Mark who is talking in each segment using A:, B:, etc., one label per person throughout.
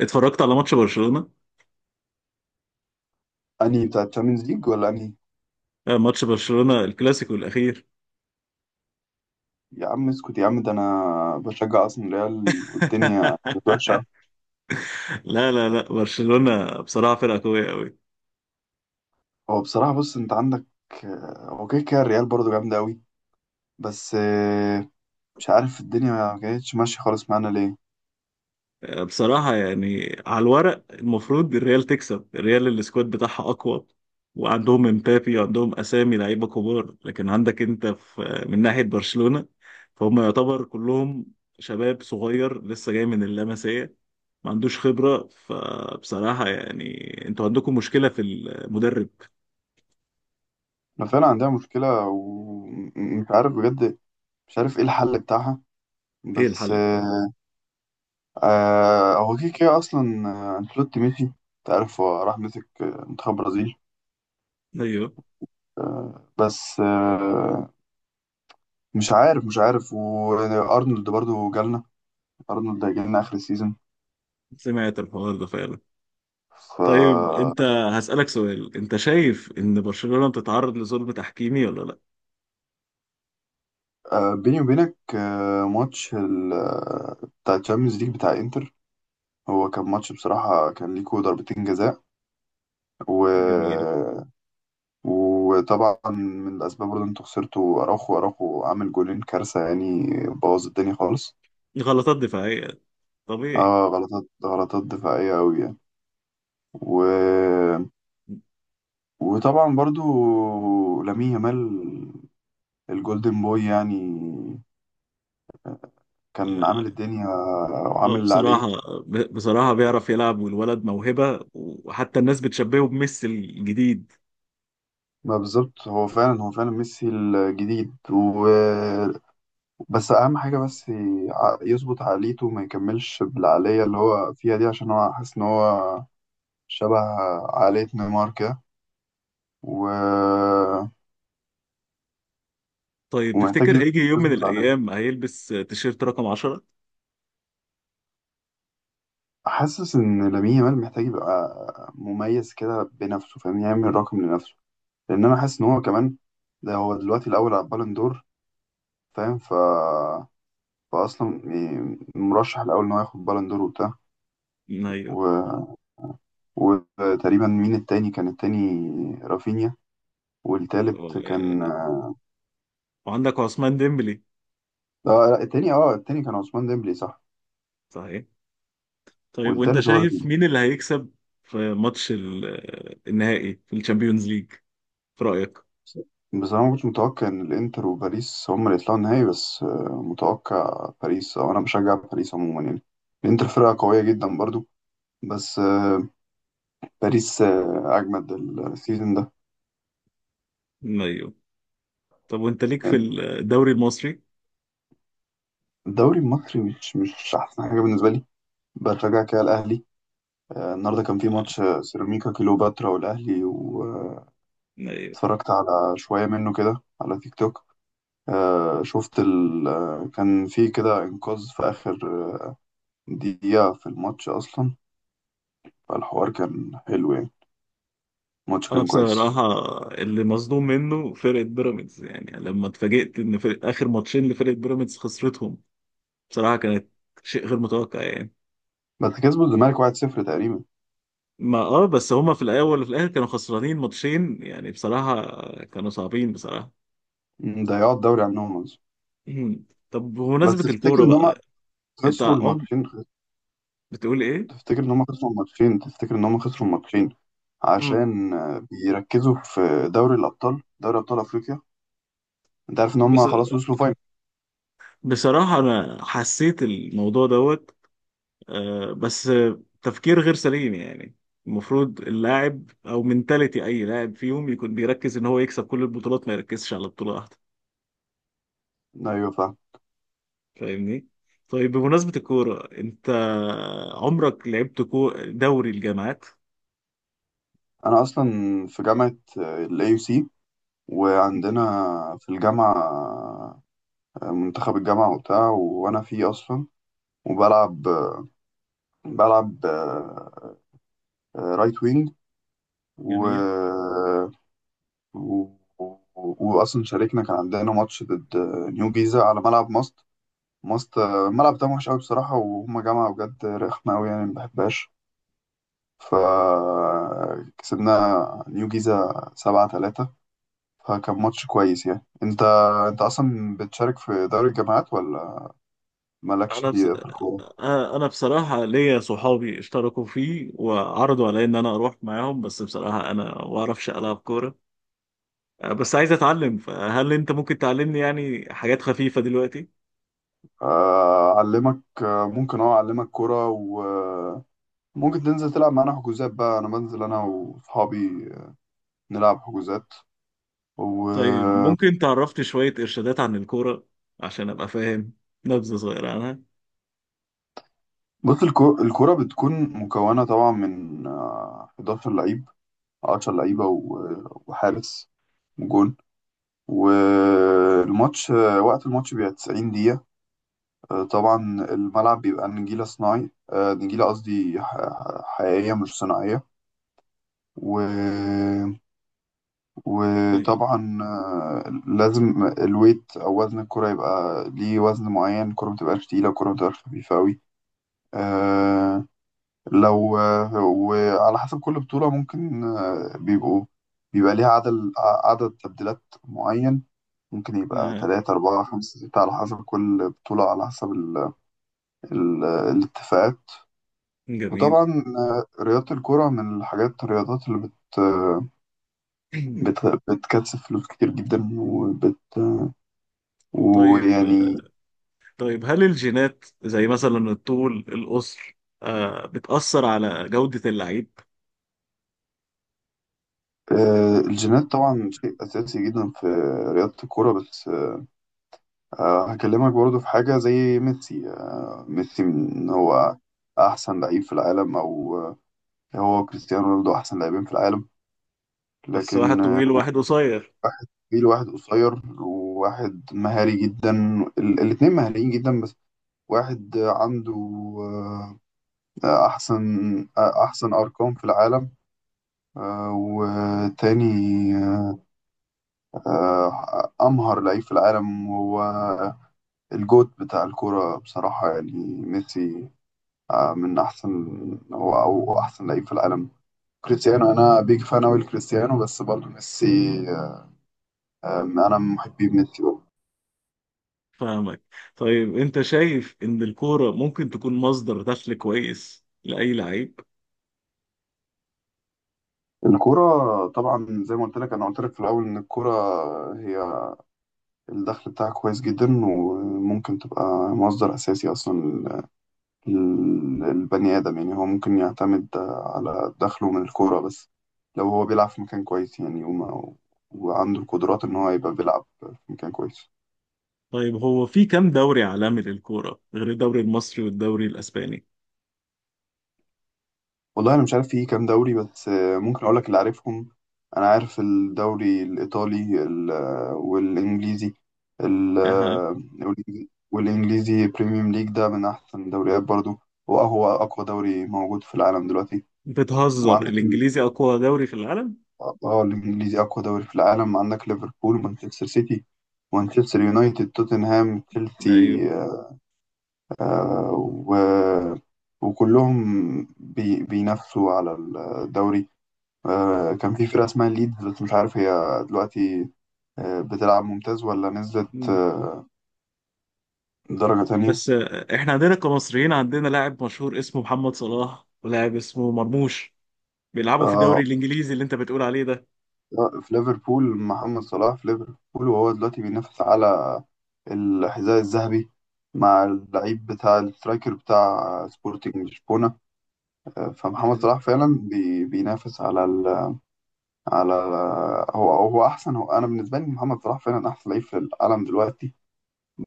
A: اتفرجت على ماتش برشلونة.
B: انهي بتاع تشامبيونز ليج ولا انهي؟
A: ماتش برشلونة الكلاسيكو الأخير.
B: يا عم اسكت يا عم، ده انا بشجع اصلا ريال والدنيا كانت وحشه.
A: لا، برشلونة بصراحة فرقة قوية قوي.
B: هو بصراحه، بص انت عندك، هو كده كده الريال برضه جامده قوي. بس آه، مش عارف الدنيا ما كانتش ماشيه خالص معانا ليه.
A: بصراحة يعني على الورق المفروض الريال تكسب، الريال السكواد بتاعها أقوى، وعندهم امبابي وعندهم أسامي لعيبة كبار. لكن عندك أنت في من ناحية برشلونة فهم يعتبر كلهم شباب صغير لسه جاي من اللمسية، ما عندوش خبرة. فبصراحة يعني انتوا عندكم مشكلة في المدرب.
B: احنا فعلا عندنا مشكله، ومش عارف بجد مش عارف ايه الحل بتاعها.
A: ايه
B: بس
A: الحل بتاعه؟
B: آه، آه، هو كده كده اصلا. انشيلوتي مشي، انت عارف هو راح مسك منتخب برازيل.
A: ايوه،
B: آه، بس آه، مش عارف وارنولد برضو جالنا، ارنولد جالنا اخر السيزون.
A: سمعت الحوار ده فعلا.
B: ف
A: طيب انت هسألك سؤال، انت شايف ان برشلونة بتتعرض لظلم تحكيمي ولا لا؟
B: بيني وبينك، آه، ماتش ال... آه، بتاع الشامبيونز ليج بتاع انتر، هو كان ماتش بصراحة، كان ليكوا ضربتين جزاء. و...
A: جميل.
B: وطبعا من الأسباب برضه، انتوا خسرتوا أراوخو عامل جولين كارثة يعني، بوظ الدنيا خالص.
A: غلطات دفاعية طبيعي.
B: اه غلطات دفاعية أوي يعني. و... وطبعا برضو لامين يامال الجولدن بوي يعني، كان عامل الدنيا وعامل
A: اه
B: اللي عليه.
A: بصراحة، بصراحة بيعرف يلعب، والولد موهبة، وحتى الناس بتشبهه بميسي الجديد.
B: ما بالظبط، هو فعلا هو فعلا ميسي الجديد. بس اهم حاجه، بس يظبط عقليته، ما يكملش بالعقليه اللي هو فيها دي، عشان هو حاسس ان هو شبه عقليه نيمار كده. و...
A: طيب
B: ومحتاج
A: تفتكر هيجي يوم من
B: يظبط العقليه.
A: الأيام هيلبس تيشيرت رقم 10؟
B: حاسس ان لامين يامال محتاج يبقى مميز كده بنفسه، فاهم، يعمل رقم لنفسه، لان انا حاسس ان هو كمان ده هو دلوقتي الاول على البالون دور، فاهم. فأصلا مرشح الأول إن هو ياخد بالون دور وبتاع.
A: ايوه.
B: و... وتقريبا مين التاني؟ كان التاني رافينيا، والتالت كان
A: و-
B: اه...
A: وعندك عثمان ديمبلي.
B: لا، التاني اه التاني كان عثمان ديمبلي صح،
A: صحيح. طيب وانت
B: والتالت هو
A: شايف
B: رافينيا.
A: مين اللي هيكسب في ماتش النهائي في الشامبيونز ليج، في رأيك؟
B: بصراحة ما كنتش متوقع إن الإنتر وباريس هما اللي يطلعوا النهائي، بس آه، متوقع باريس، أو أنا بشجع باريس عموما يعني. الإنتر فرقة قوية جدا برضو، بس آه، باريس أجمد السيزون ده.
A: ايوه. طب وانت ليك في الدوري المصري؟
B: الدوري المصري مش أحسن حاجة بالنسبة لي. بشجع كده الأهلي. النهارده كان في ماتش سيراميكا كليوباترا والأهلي، واتفرجت
A: ايوه.
B: على شوية منه كده على تيك توك. آه، شفت ال... آه، كان في كده إنقاذ في آخر دقيقة في الماتش أصلا. فالحوار كان حلو يعني، الماتش
A: انا
B: كان كويس.
A: بصراحة اللي مصدوم منه فرقة بيراميدز، يعني لما اتفاجئت ان فرق اخر ماتشين لفرقة بيراميدز خسرتهم، بصراحة كانت شيء غير متوقع يعني.
B: بس كسبوا الزمالك 1-0 تقريبا.
A: ما اه بس هما في الاول وفي الاخر كانوا خسرانين ماتشين يعني، بصراحة كانوا صعبين بصراحة.
B: ضيعوا الدوري عنهم أصلا.
A: مم. طب
B: بس
A: بمناسبة
B: تفتكر
A: الكورة
B: إن هما
A: بقى، انت
B: خسروا
A: عم
B: الماتشين؟
A: بتقول ايه؟
B: تفتكر إن هما خسروا الماتشين تفتكر إن هما خسروا الماتشين
A: مم.
B: عشان بيركزوا في دوري الأبطال، دوري أبطال أفريقيا؟ انت عارف ان
A: بس
B: هم خلاص وصلوا.
A: بصراحة أنا حسيت الموضوع دوت، آه، بس آه، تفكير غير سليم يعني. المفروض اللاعب او منتاليتي اي لاعب فيهم يكون بيركز ان هو يكسب كل البطولات، ما يركزش على بطولة واحدة.
B: ايوه فاهم.
A: فاهمني؟ طيب بمناسبة الكورة، انت عمرك لعبت دوري الجامعات؟
B: انا اصلا في جامعه الاي يو سي، وعندنا في الجامعه منتخب الجامعه وبتاع، وانا فيه اصلا، وبلعب بلعب رايت وينج. و...
A: جميل.
B: و... واصلا شاركنا، كان عندنا ماتش ضد نيو جيزه على ملعب ماست. الملعب ده وحش قوي بصراحه، وهما جامعه بجد رخمه قوي يعني ما بحبهاش. فكسبنا نيو جيزه 7-3، فكان ماتش كويس يعني. انت اصلا بتشارك في دوري الجامعات، ولا مالكش
A: انا بس...
B: فيه في الكوره؟
A: انا بصراحة ليا صحابي اشتركوا فيه وعرضوا علي ان انا اروح معاهم، بس بصراحة انا ما اعرفش العب كورة. بس عايز اتعلم، فهل انت ممكن تعلمني يعني حاجات خفيفة دلوقتي؟
B: اعلمك، ممكن اه اعلمك كوره، وممكن تنزل تلعب معانا حجوزات بقى. انا بنزل انا واصحابي نلعب حجوزات. و
A: طيب ممكن تعرفني شوية إرشادات عن الكورة عشان أبقى فاهم، نبذة صغيرة عنها؟
B: بص الكوره بتكون مكونه طبعا من 11 لعيب، 10 لعيبه وحارس وجون. والماتش وقت الماتش بيبقى 90 دقيقه. طبعا الملعب بيبقى نجيلة صناعي، نجيلة قصدي حقيقية مش صناعية. و...
A: طيب.
B: وطبعا لازم الويت أو وزن الكرة يبقى ليه وزن معين، الكرة متبقاش تقيلة، الكرة متبقاش خفيفة أوي. آه، لو وعلى حسب كل بطولة، ممكن آه، بيبقوا بيبقى ليها عدد تبديلات معين، ممكن يبقى
A: نعم.
B: تلاتة أربعة خمسة ستة، على حسب كل بطولة، على حسب الاتفاقات.
A: جميل.
B: وطبعا رياضة الكرة من الحاجات، الرياضات اللي بت آه، بت بتكسب فلوس كتير جدا، وبت
A: طيب.
B: ويعني
A: طيب هل الجينات زي مثلا الطول القصر، بتأثر على جودة اللعيب؟
B: الجينات طبعا شيء أساسي جدا في رياضة الكرة. بس هكلمك برضو في حاجة زي ميسي. ميسي من هو أحسن لعيب في العالم، أو هو كريستيانو رونالدو أحسن لاعبين في العالم.
A: بس واحد
B: لكن
A: طويل وواحد قصير.
B: واحد طويل وواحد قصير، وواحد مهاري جدا، ال- الاتنين مهاريين جدا. بس واحد عنده آه، أحسن أرقام في العالم. وتاني أمهر لعيب في العالم هو الجوت بتاع الكورة بصراحة يعني، ميسي. من أحسن، أو أحسن لعيب في العالم. كريستيانو أنا بيج فان أوي لكريستيانو، بس برضه ميسي آه، أنا من محبي ميسي برضه.
A: فاهمك. طيب أنت شايف إن الكورة ممكن تكون مصدر دخل كويس لأي لعيب؟
B: الكورة طبعا زي ما قلت لك في الأول، إن الكورة هي الدخل بتاعها كويس جدا، وممكن تبقى مصدر أساسي أصلا، البني آدم يعني هو ممكن يعتمد على دخله من الكورة، بس لو هو بيلعب في مكان كويس يعني، وعنده القدرات إن
A: مم.
B: هو يبقى بيلعب في مكان كويس.
A: طيب هو في كام دوري عالمي للكورة غير الدوري المصري والدوري الأسباني؟
B: والله أنا مش عارف فيه كام دوري، بس آه، ممكن أقول لك اللي عارفهم. أنا عارف الدوري الإيطالي والإنجليزي بريميوم ليج، ده من أحسن الدوريات برضو، وهو أقوى دوري موجود في العالم دلوقتي.
A: بتهزر،
B: وعندك
A: الانجليزي اقوى دوري في العالم؟
B: اه الانجليزي اقوى دوري في العالم. عندك ليفربول ومانشستر سيتي ومانشستر يونايتد توتنهام
A: ايوه.
B: تشيلسي آه، و... وكلهم بينافسوا على الدوري. كان في فرقة اسمها ليدز، بس مش عارف هي دلوقتي بتلعب ممتاز، ولا نزلت
A: مم.
B: درجة تانية.
A: بس احنا عندنا كمصريين عندنا لاعب مشهور اسمه محمد صلاح ولاعب اسمه مرموش بيلعبوا في الدوري
B: آه،
A: الانجليزي اللي انت بتقول عليه ده.
B: لا، في ليفربول، محمد صلاح في ليفربول، وهو دلوقتي بينافس على الحذاء الذهبي مع اللعيب بتاع السترايكر بتاع سبورتنج لشبونة. فمحمد
A: مم.
B: صلاح فعلا بينافس على ال على هو انا بالنسبه لي محمد صلاح فعلا احسن لعيب في العالم دلوقتي.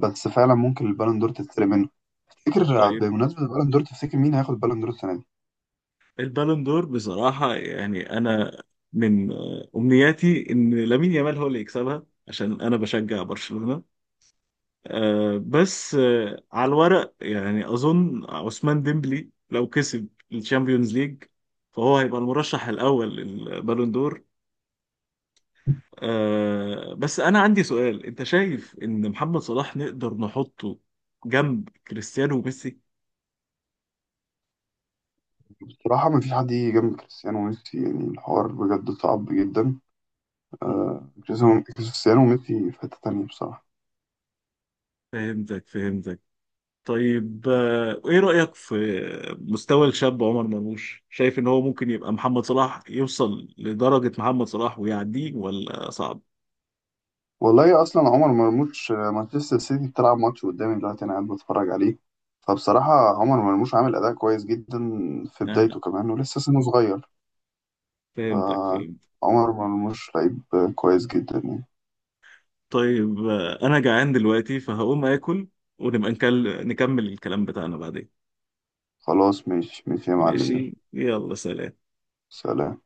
B: بس فعلا ممكن البالون دور تتسرق منه. تفتكر،
A: طيب
B: بمناسبه البالون دور، تفتكر مين هياخد البالون دور السنه دي؟
A: البالون دور بصراحة يعني انا من امنياتي ان لامين يامال هو اللي يكسبها عشان انا بشجع برشلونة. آه، بس آه، على الورق يعني اظن عثمان ديمبلي لو كسب الشامبيونز ليج فهو هيبقى المرشح الاول للبالون دور. بس انا عندي سؤال، انت شايف ان محمد صلاح نقدر نحطه جنب كريستيانو وميسي؟
B: بصراحه ما فيش حد يجي جنب كريستيانو وميسي يعني، الحوار بجد صعب جدا.
A: مم.
B: كريستيانو وميسي في حتة تانية بصراحة.
A: فهمتك فهمتك. طيب ايه رأيك في مستوى الشاب عمر مرموش؟ شايف ان هو ممكن يبقى محمد صلاح، يوصل لدرجة محمد صلاح ويعديه، ولا صعب؟
B: والله أصلا عمر مرموش، مانشستر سيتي بتلعب ماتش قدامي دلوقتي أنا قاعد بتفرج عليه، فبصراحة عمر مرموش عامل أداء كويس جدا في
A: آه،
B: بدايته كمان ولسه سنه صغير.
A: فهمتك فهمتك.
B: فعمر مرموش لعيب كويس جدا يعني.
A: طيب انا جعان دلوقتي فهقوم اكل، ونبقى نكمل الكلام بتاعنا بعدين.
B: خلاص ماشي ماشي يا معلم، يلا
A: ماشي، يلا، سلام.
B: سلام.